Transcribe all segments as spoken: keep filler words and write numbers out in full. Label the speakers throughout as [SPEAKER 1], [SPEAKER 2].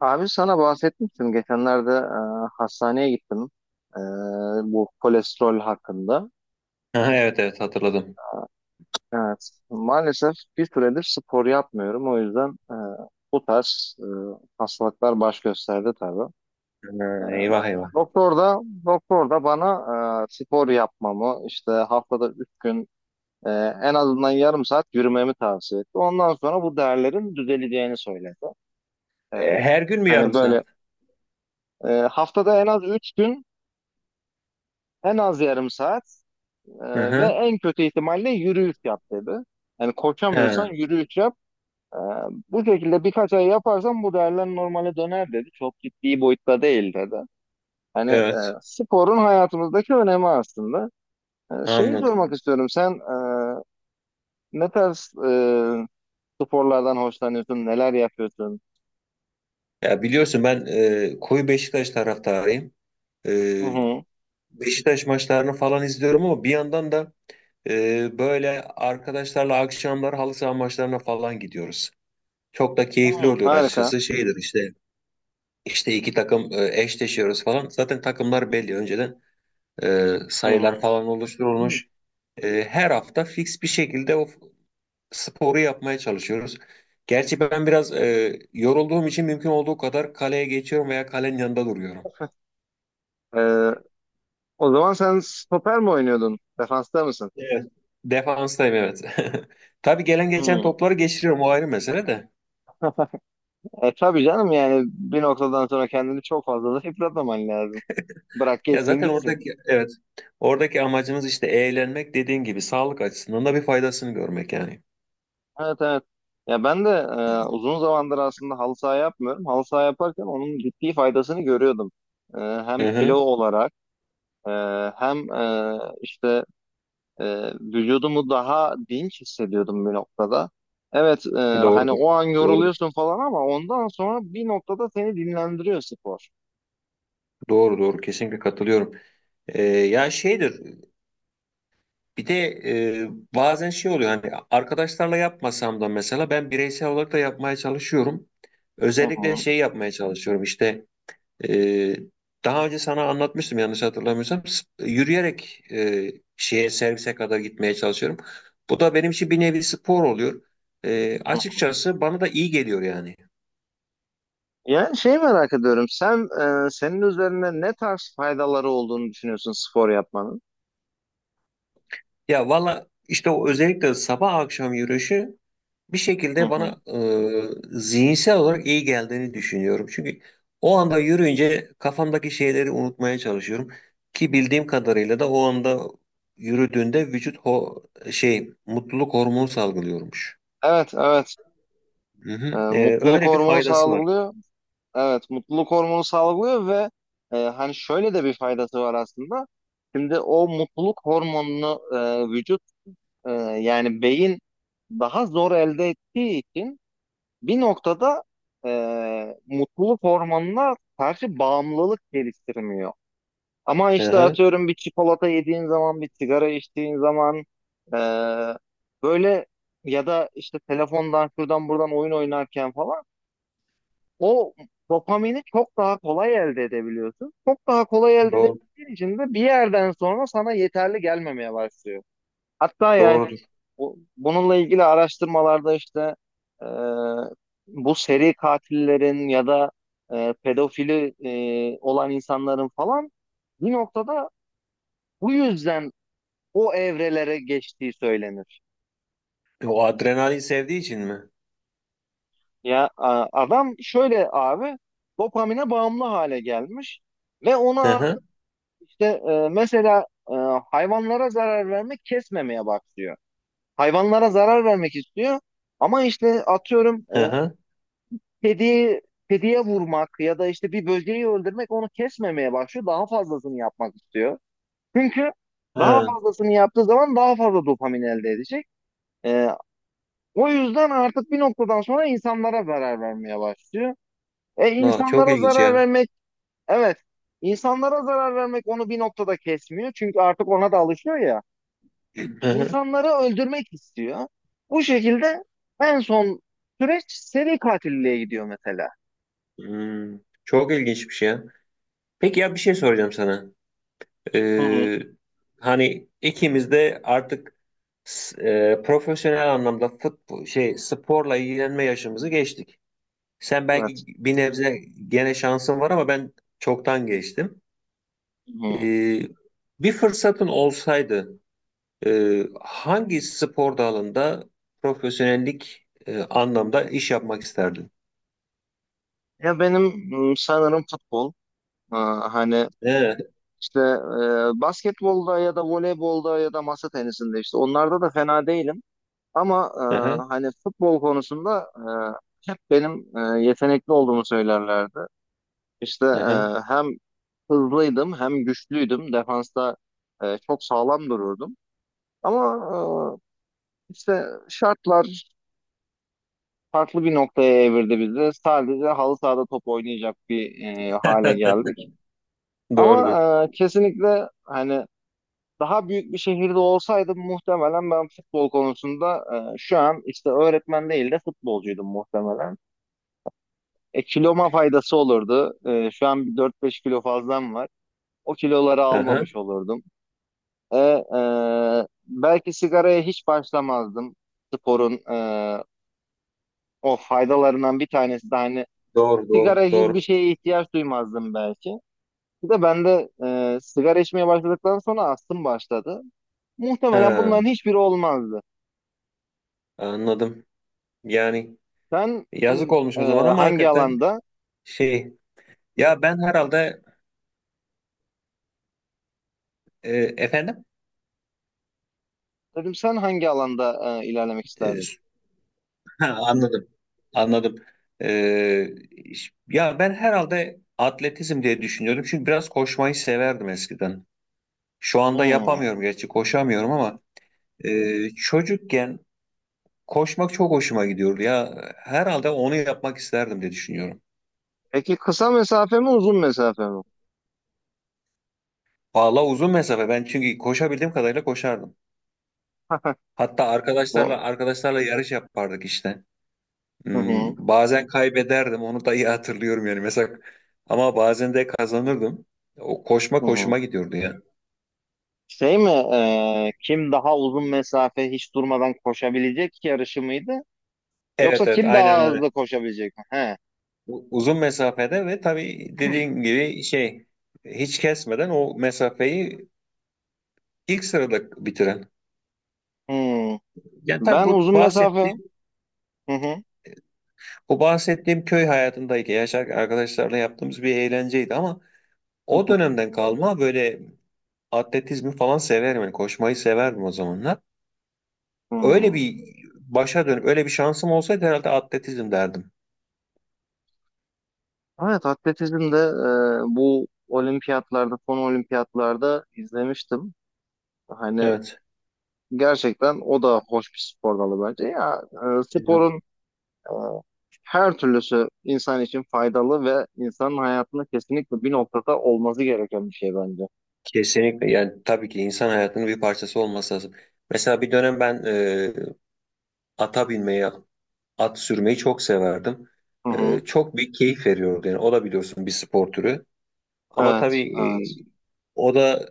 [SPEAKER 1] Abi sana bahsetmiştim. Geçenlerde e, hastaneye gittim. E, Bu kolesterol hakkında.
[SPEAKER 2] Aha, evet evet hatırladım.
[SPEAKER 1] Evet. Maalesef bir süredir spor yapmıyorum. O yüzden e, bu tarz e, hastalıklar baş gösterdi tabii.
[SPEAKER 2] Ha, eyvah eyvah.
[SPEAKER 1] Doktor da doktor da bana e, spor yapmamı işte haftada üç gün e, en azından yarım saat yürümemi tavsiye etti. Ondan sonra bu değerlerin düzeleceğini söyledi. E,
[SPEAKER 2] E, her gün mü yarım
[SPEAKER 1] hani böyle
[SPEAKER 2] saat?
[SPEAKER 1] e, haftada en az üç gün en az yarım saat
[SPEAKER 2] Hı
[SPEAKER 1] Ee, ve
[SPEAKER 2] hı.
[SPEAKER 1] en kötü ihtimalle yürüyüş yap dedi. Yani koşamıyorsan
[SPEAKER 2] Ha,
[SPEAKER 1] yürüyüş yap. Ee, Bu şekilde birkaç ay yaparsan bu değerler normale döner dedi. Çok ciddi boyutta değil dedi. Hani e,
[SPEAKER 2] evet
[SPEAKER 1] sporun hayatımızdaki önemi aslında. Ee, şeyi
[SPEAKER 2] anladım.
[SPEAKER 1] sormak istiyorum. Sen e, ne tarz e, sporlardan hoşlanıyorsun? Neler yapıyorsun?
[SPEAKER 2] Ya biliyorsun ben e, koyu Beşiktaş taraftarıyım. E,
[SPEAKER 1] Hı hı.
[SPEAKER 2] Beşiktaş maçlarını falan izliyorum ama bir yandan da e, böyle arkadaşlarla akşamlar halı saha maçlarına falan gidiyoruz. Çok da keyifli
[SPEAKER 1] Hı,
[SPEAKER 2] oluyor
[SPEAKER 1] harika.
[SPEAKER 2] açıkçası. Şeydir işte işte iki takım e, eşleşiyoruz falan. Zaten takımlar belli önceden e,
[SPEAKER 1] Hı hı.
[SPEAKER 2] sayılar falan oluşturulmuş. E, her hafta fix bir şekilde o sporu yapmaya çalışıyoruz. Gerçi ben biraz e, yorulduğum için mümkün olduğu kadar kaleye geçiyorum veya kalenin yanında duruyorum.
[SPEAKER 1] Ee, O zaman sen stoper mi oynuyordun? Defansta mısın?
[SPEAKER 2] Evet. Defanstayım, evet. Tabii gelen geçen
[SPEAKER 1] Hı.
[SPEAKER 2] topları geçiriyorum, o ayrı mesele de.
[SPEAKER 1] E tabii canım, yani bir noktadan sonra kendini çok fazla da yıpratmaman lazım. Bırak
[SPEAKER 2] Ya
[SPEAKER 1] geçsin
[SPEAKER 2] zaten
[SPEAKER 1] gitsin.
[SPEAKER 2] oradaki, evet, oradaki amacımız işte eğlenmek, dediğin gibi sağlık açısından da bir faydasını görmek yani.
[SPEAKER 1] Evet, evet. Ya ben de e, uzun zamandır aslında halı saha yapmıyorum. Halı saha yaparken onun ciddi faydasını görüyordum. E, hem
[SPEAKER 2] Hı
[SPEAKER 1] kilo
[SPEAKER 2] hı,
[SPEAKER 1] olarak e, hem e, işte e, vücudumu daha dinç hissediyordum bir noktada. Evet, e, hani
[SPEAKER 2] doğrudur.
[SPEAKER 1] o an
[SPEAKER 2] Doğrudur.
[SPEAKER 1] yoruluyorsun falan ama ondan sonra bir noktada seni dinlendiriyor spor.
[SPEAKER 2] Doğru doğru, kesinlikle katılıyorum. Ee, ya şeydir. Bir de e, bazen şey oluyor, hani arkadaşlarla yapmasam da mesela ben bireysel olarak da yapmaya çalışıyorum.
[SPEAKER 1] Hı hı.
[SPEAKER 2] Özellikle şey yapmaya çalışıyorum işte, e, daha önce sana anlatmıştım yanlış hatırlamıyorsam s- yürüyerek e, şeye, servise kadar gitmeye çalışıyorum. Bu da benim için bir nevi spor oluyor. E, açıkçası bana da iyi geliyor yani.
[SPEAKER 1] Yani şey merak ediyorum. Sen e, senin üzerinde ne tarz faydaları olduğunu düşünüyorsun spor yapmanın?
[SPEAKER 2] Ya valla işte o özellikle sabah akşam yürüyüşü bir
[SPEAKER 1] Hı
[SPEAKER 2] şekilde
[SPEAKER 1] hı.
[SPEAKER 2] bana e, zihinsel olarak iyi geldiğini düşünüyorum. Çünkü o anda yürüyünce kafamdaki şeyleri unutmaya çalışıyorum, ki bildiğim kadarıyla da o anda yürüdüğünde vücut ho şey mutluluk hormonu salgılıyormuş.
[SPEAKER 1] Evet, evet.
[SPEAKER 2] Hı
[SPEAKER 1] E,
[SPEAKER 2] hı. E,
[SPEAKER 1] mutluluk
[SPEAKER 2] öyle bir
[SPEAKER 1] hormonu
[SPEAKER 2] faydası var.
[SPEAKER 1] salgılıyor. Evet, mutluluk hormonu salgılıyor ve e, hani şöyle de bir faydası var aslında. Şimdi o mutluluk hormonunu e, vücut, e, yani beyin daha zor elde ettiği için bir noktada e, mutluluk hormonuna karşı bağımlılık geliştirmiyor. Ama
[SPEAKER 2] Hı
[SPEAKER 1] işte
[SPEAKER 2] hı.
[SPEAKER 1] atıyorum bir çikolata yediğin zaman, bir sigara içtiğin zaman, e, böyle ya da işte telefondan şuradan buradan oyun oynarken falan o dopamini çok daha kolay elde edebiliyorsun. Çok daha kolay elde
[SPEAKER 2] Doğru,
[SPEAKER 1] edebildiğin için de bir yerden sonra sana yeterli gelmemeye başlıyor. Hatta yani
[SPEAKER 2] doğrudur.
[SPEAKER 1] bu- bununla ilgili araştırmalarda işte e, bu seri katillerin ya da e, pedofili e, olan insanların falan bir noktada bu yüzden o evrelere geçtiği söylenir.
[SPEAKER 2] E, O adrenalin sevdiği için mi?
[SPEAKER 1] Ya a- adam şöyle abi, dopamine bağımlı hale gelmiş ve
[SPEAKER 2] Hı
[SPEAKER 1] ona
[SPEAKER 2] hı.
[SPEAKER 1] işte, e, mesela, e, hayvanlara zarar vermek kesmemeye başlıyor. Hayvanlara zarar vermek istiyor ama işte atıyorum
[SPEAKER 2] Hı
[SPEAKER 1] e,
[SPEAKER 2] hı.
[SPEAKER 1] kediyi kediye vurmak ya da işte bir böceği öldürmek onu kesmemeye başlıyor. Daha fazlasını yapmak istiyor. Çünkü daha
[SPEAKER 2] Hı.
[SPEAKER 1] fazlasını yaptığı zaman daha fazla dopamin elde edecek. E, O yüzden artık bir noktadan sonra insanlara zarar vermeye başlıyor. E
[SPEAKER 2] Aa, çok
[SPEAKER 1] insanlara
[SPEAKER 2] ilginç
[SPEAKER 1] zarar
[SPEAKER 2] ya.
[SPEAKER 1] vermek, evet, insanlara zarar vermek onu bir noktada kesmiyor. Çünkü artık ona da alışıyor ya.
[SPEAKER 2] Hı hı.
[SPEAKER 1] İnsanları öldürmek istiyor. Bu şekilde en son süreç seri katilliliğe gidiyor mesela.
[SPEAKER 2] Hmm, çok ilginçmiş ya. Peki ya bir şey soracağım sana.
[SPEAKER 1] Hı hı.
[SPEAKER 2] Ee, Hani ikimiz de artık s- e, profesyonel anlamda futbol şey sporla ilgilenme yaşımızı geçtik. Sen belki
[SPEAKER 1] Evet.
[SPEAKER 2] bir nebze gene şansın var ama ben çoktan geçtim.
[SPEAKER 1] Hı hı.
[SPEAKER 2] Ee, bir fırsatın olsaydı e, hangi spor dalında profesyonellik e, anlamda iş yapmak isterdin?
[SPEAKER 1] Ya benim, m, sanırım futbol, aa, hani
[SPEAKER 2] Evet.
[SPEAKER 1] işte e, basketbolda ya da voleybolda ya da masa tenisinde işte onlarda da fena değilim. Ama e,
[SPEAKER 2] Aha,
[SPEAKER 1] hani futbol konusunda e, hep benim e, yetenekli olduğumu söylerlerdi. İşte
[SPEAKER 2] aha.
[SPEAKER 1] e, hem hızlıydım hem güçlüydüm. Defansta e, çok sağlam dururdum. Ama e, işte şartlar farklı bir noktaya evirdi bizi. Sadece halı sahada top oynayacak bir e, hale geldik.
[SPEAKER 2] Doğrudur.
[SPEAKER 1] Ama e, kesinlikle, hani daha büyük bir şehirde olsaydım muhtemelen ben futbol konusunda, e, şu an işte öğretmen değil de futbolcuydum muhtemelen. E, kiloma faydası olurdu. E, şu an bir dört beş kilo fazlam var. O kiloları
[SPEAKER 2] Aha.
[SPEAKER 1] almamış olurdum. E, e, belki sigaraya hiç başlamazdım. Sporun e, o faydalarından bir tanesi de hani
[SPEAKER 2] Doğru, doğru,
[SPEAKER 1] sigara gibi bir
[SPEAKER 2] doğru.
[SPEAKER 1] şeye ihtiyaç duymazdım belki. Bir de bende e, sigara içmeye başladıktan sonra astım başladı. Muhtemelen
[SPEAKER 2] Ha,
[SPEAKER 1] bunların hiçbiri olmazdı.
[SPEAKER 2] anladım. Yani.
[SPEAKER 1] Sen
[SPEAKER 2] Yazık
[SPEAKER 1] m,
[SPEAKER 2] olmuş
[SPEAKER 1] e,
[SPEAKER 2] o zaman ama
[SPEAKER 1] hangi
[SPEAKER 2] hakikaten
[SPEAKER 1] alanda?
[SPEAKER 2] şey, ya ben herhalde e, efendim.
[SPEAKER 1] Dedim sen hangi alanda e, ilerlemek
[SPEAKER 2] E,
[SPEAKER 1] isterdin?
[SPEAKER 2] s- ha, anladım, anladım. E, iş- Ya ben herhalde atletizm diye düşünüyordum çünkü biraz koşmayı severdim eskiden, şu anda
[SPEAKER 1] Hmm.
[SPEAKER 2] yapamıyorum gerçi, koşamıyorum ama e, çocukken koşmak çok hoşuma gidiyordu ya, herhalde onu yapmak isterdim diye düşünüyorum.
[SPEAKER 1] Peki kısa mesafe mi uzun mesafe mi?
[SPEAKER 2] Valla uzun mesafe ben, çünkü koşabildiğim kadarıyla koşardım. Hatta arkadaşlarla
[SPEAKER 1] Bu
[SPEAKER 2] arkadaşlarla yarış yapardık işte.
[SPEAKER 1] hı hı,
[SPEAKER 2] Hmm, bazen kaybederdim, onu da iyi hatırlıyorum yani mesela, ama bazen de kazanırdım. O koşma
[SPEAKER 1] hı
[SPEAKER 2] koşuma
[SPEAKER 1] hı.
[SPEAKER 2] gidiyordu ya.
[SPEAKER 1] Şey mi, e, kim daha uzun mesafe hiç durmadan koşabilecek yarışı mıydı? Yoksa
[SPEAKER 2] Evet evet,
[SPEAKER 1] kim
[SPEAKER 2] aynen
[SPEAKER 1] daha
[SPEAKER 2] öyle.
[SPEAKER 1] hızlı koşabilecek mi? He.
[SPEAKER 2] U- Uzun mesafede ve tabii dediğin gibi şey, hiç kesmeden o mesafeyi ilk sırada bitiren.
[SPEAKER 1] Hmm.
[SPEAKER 2] Yani tabii
[SPEAKER 1] Ben
[SPEAKER 2] bu
[SPEAKER 1] uzun mesafe.
[SPEAKER 2] bahsettiğim
[SPEAKER 1] Hı hı.
[SPEAKER 2] bu bahsettiğim köy hayatındaki yaşar arkadaşlarla yaptığımız bir eğlenceydi ama o dönemden kalma böyle atletizmi falan severim yani, koşmayı severdim o zamanlar. Öyle
[SPEAKER 1] Hmm.
[SPEAKER 2] bir başa dönüp öyle bir şansım olsaydı herhalde atletizm derdim.
[SPEAKER 1] Evet, atletizmde e, bu olimpiyatlarda, son olimpiyatlarda izlemiştim. Hani
[SPEAKER 2] Evet.
[SPEAKER 1] gerçekten o da hoş bir spor dalı bence. Ya e,
[SPEAKER 2] Evet.
[SPEAKER 1] sporun, Ee, her türlüsü insan için faydalı ve insanın hayatında kesinlikle bir noktada olması gereken bir şey bence.
[SPEAKER 2] Kesinlikle, yani tabii ki insan hayatının bir parçası olması lazım. Mesela bir dönem ben e, ata binmeyi, at sürmeyi çok severdim.
[SPEAKER 1] Hı
[SPEAKER 2] E,
[SPEAKER 1] hı.
[SPEAKER 2] çok bir keyif veriyordu yani, o da biliyorsun bir spor türü. Ama tabii
[SPEAKER 1] Evet, evet.
[SPEAKER 2] e, o da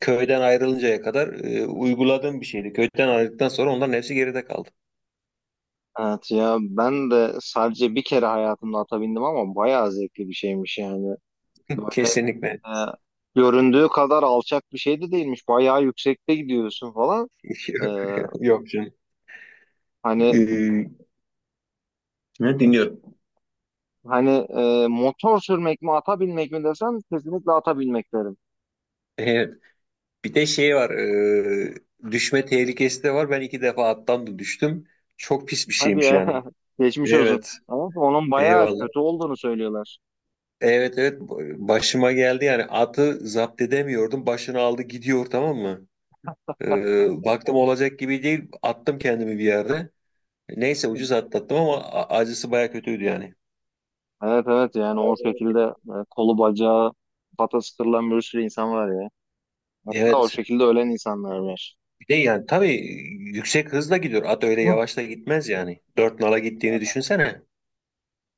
[SPEAKER 2] köyden ayrılıncaya kadar e, uyguladığım bir şeydi. Köyden ayrıldıktan sonra onların hepsi geride kaldı.
[SPEAKER 1] Evet, ya ben de sadece bir kere hayatımda ata bindim ama bayağı zevkli bir şeymiş yani. Böyle
[SPEAKER 2] Kesinlikle.
[SPEAKER 1] e, göründüğü kadar alçak bir şey de değilmiş. Bayağı yüksekte gidiyorsun falan. E,
[SPEAKER 2] Yok canım.
[SPEAKER 1] hani
[SPEAKER 2] E, Ne dinliyorum?
[SPEAKER 1] hani e, motor sürmek mi ata binmek mi desem kesinlikle ata binmek derim.
[SPEAKER 2] Evet. Bir de şey var, e, düşme tehlikesi de var. Ben iki defa attan da düştüm. Çok pis bir
[SPEAKER 1] Hadi
[SPEAKER 2] şeymiş
[SPEAKER 1] ya
[SPEAKER 2] yani.
[SPEAKER 1] geçmiş olsun.
[SPEAKER 2] Evet,
[SPEAKER 1] Ama onun bayağı
[SPEAKER 2] eyvallah.
[SPEAKER 1] kötü olduğunu söylüyorlar.
[SPEAKER 2] Evet evet, başıma geldi yani, atı zapt edemiyordum. Başını aldı gidiyor, tamam mı? E, baktım olacak gibi değil. Attım kendimi bir yerde. Neyse ucuz atlattım ama a- acısı baya kötüydü yani.
[SPEAKER 1] Evet, evet, yani o şekilde e, kolu bacağı patası kırılan bir sürü insan var ya. Hatta o
[SPEAKER 2] Evet.
[SPEAKER 1] şekilde ölen insanlar var.
[SPEAKER 2] Bir de yani tabii yüksek hızla gidiyor. At öyle
[SPEAKER 1] Hı.
[SPEAKER 2] yavaş da gitmez yani. Dört nala gittiğini düşünsene.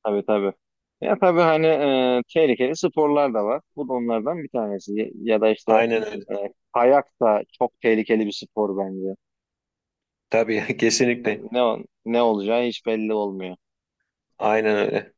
[SPEAKER 1] Tabii, tabii. Ya tabii hani e, tehlikeli sporlar da var. Bu da onlardan bir tanesi. Ya, ya da işte
[SPEAKER 2] Aynen öyle.
[SPEAKER 1] e, kayak da çok tehlikeli bir spor bence.
[SPEAKER 2] Tabii kesinlikle.
[SPEAKER 1] Ne, ne olacağı hiç belli olmuyor.
[SPEAKER 2] Aynen öyle.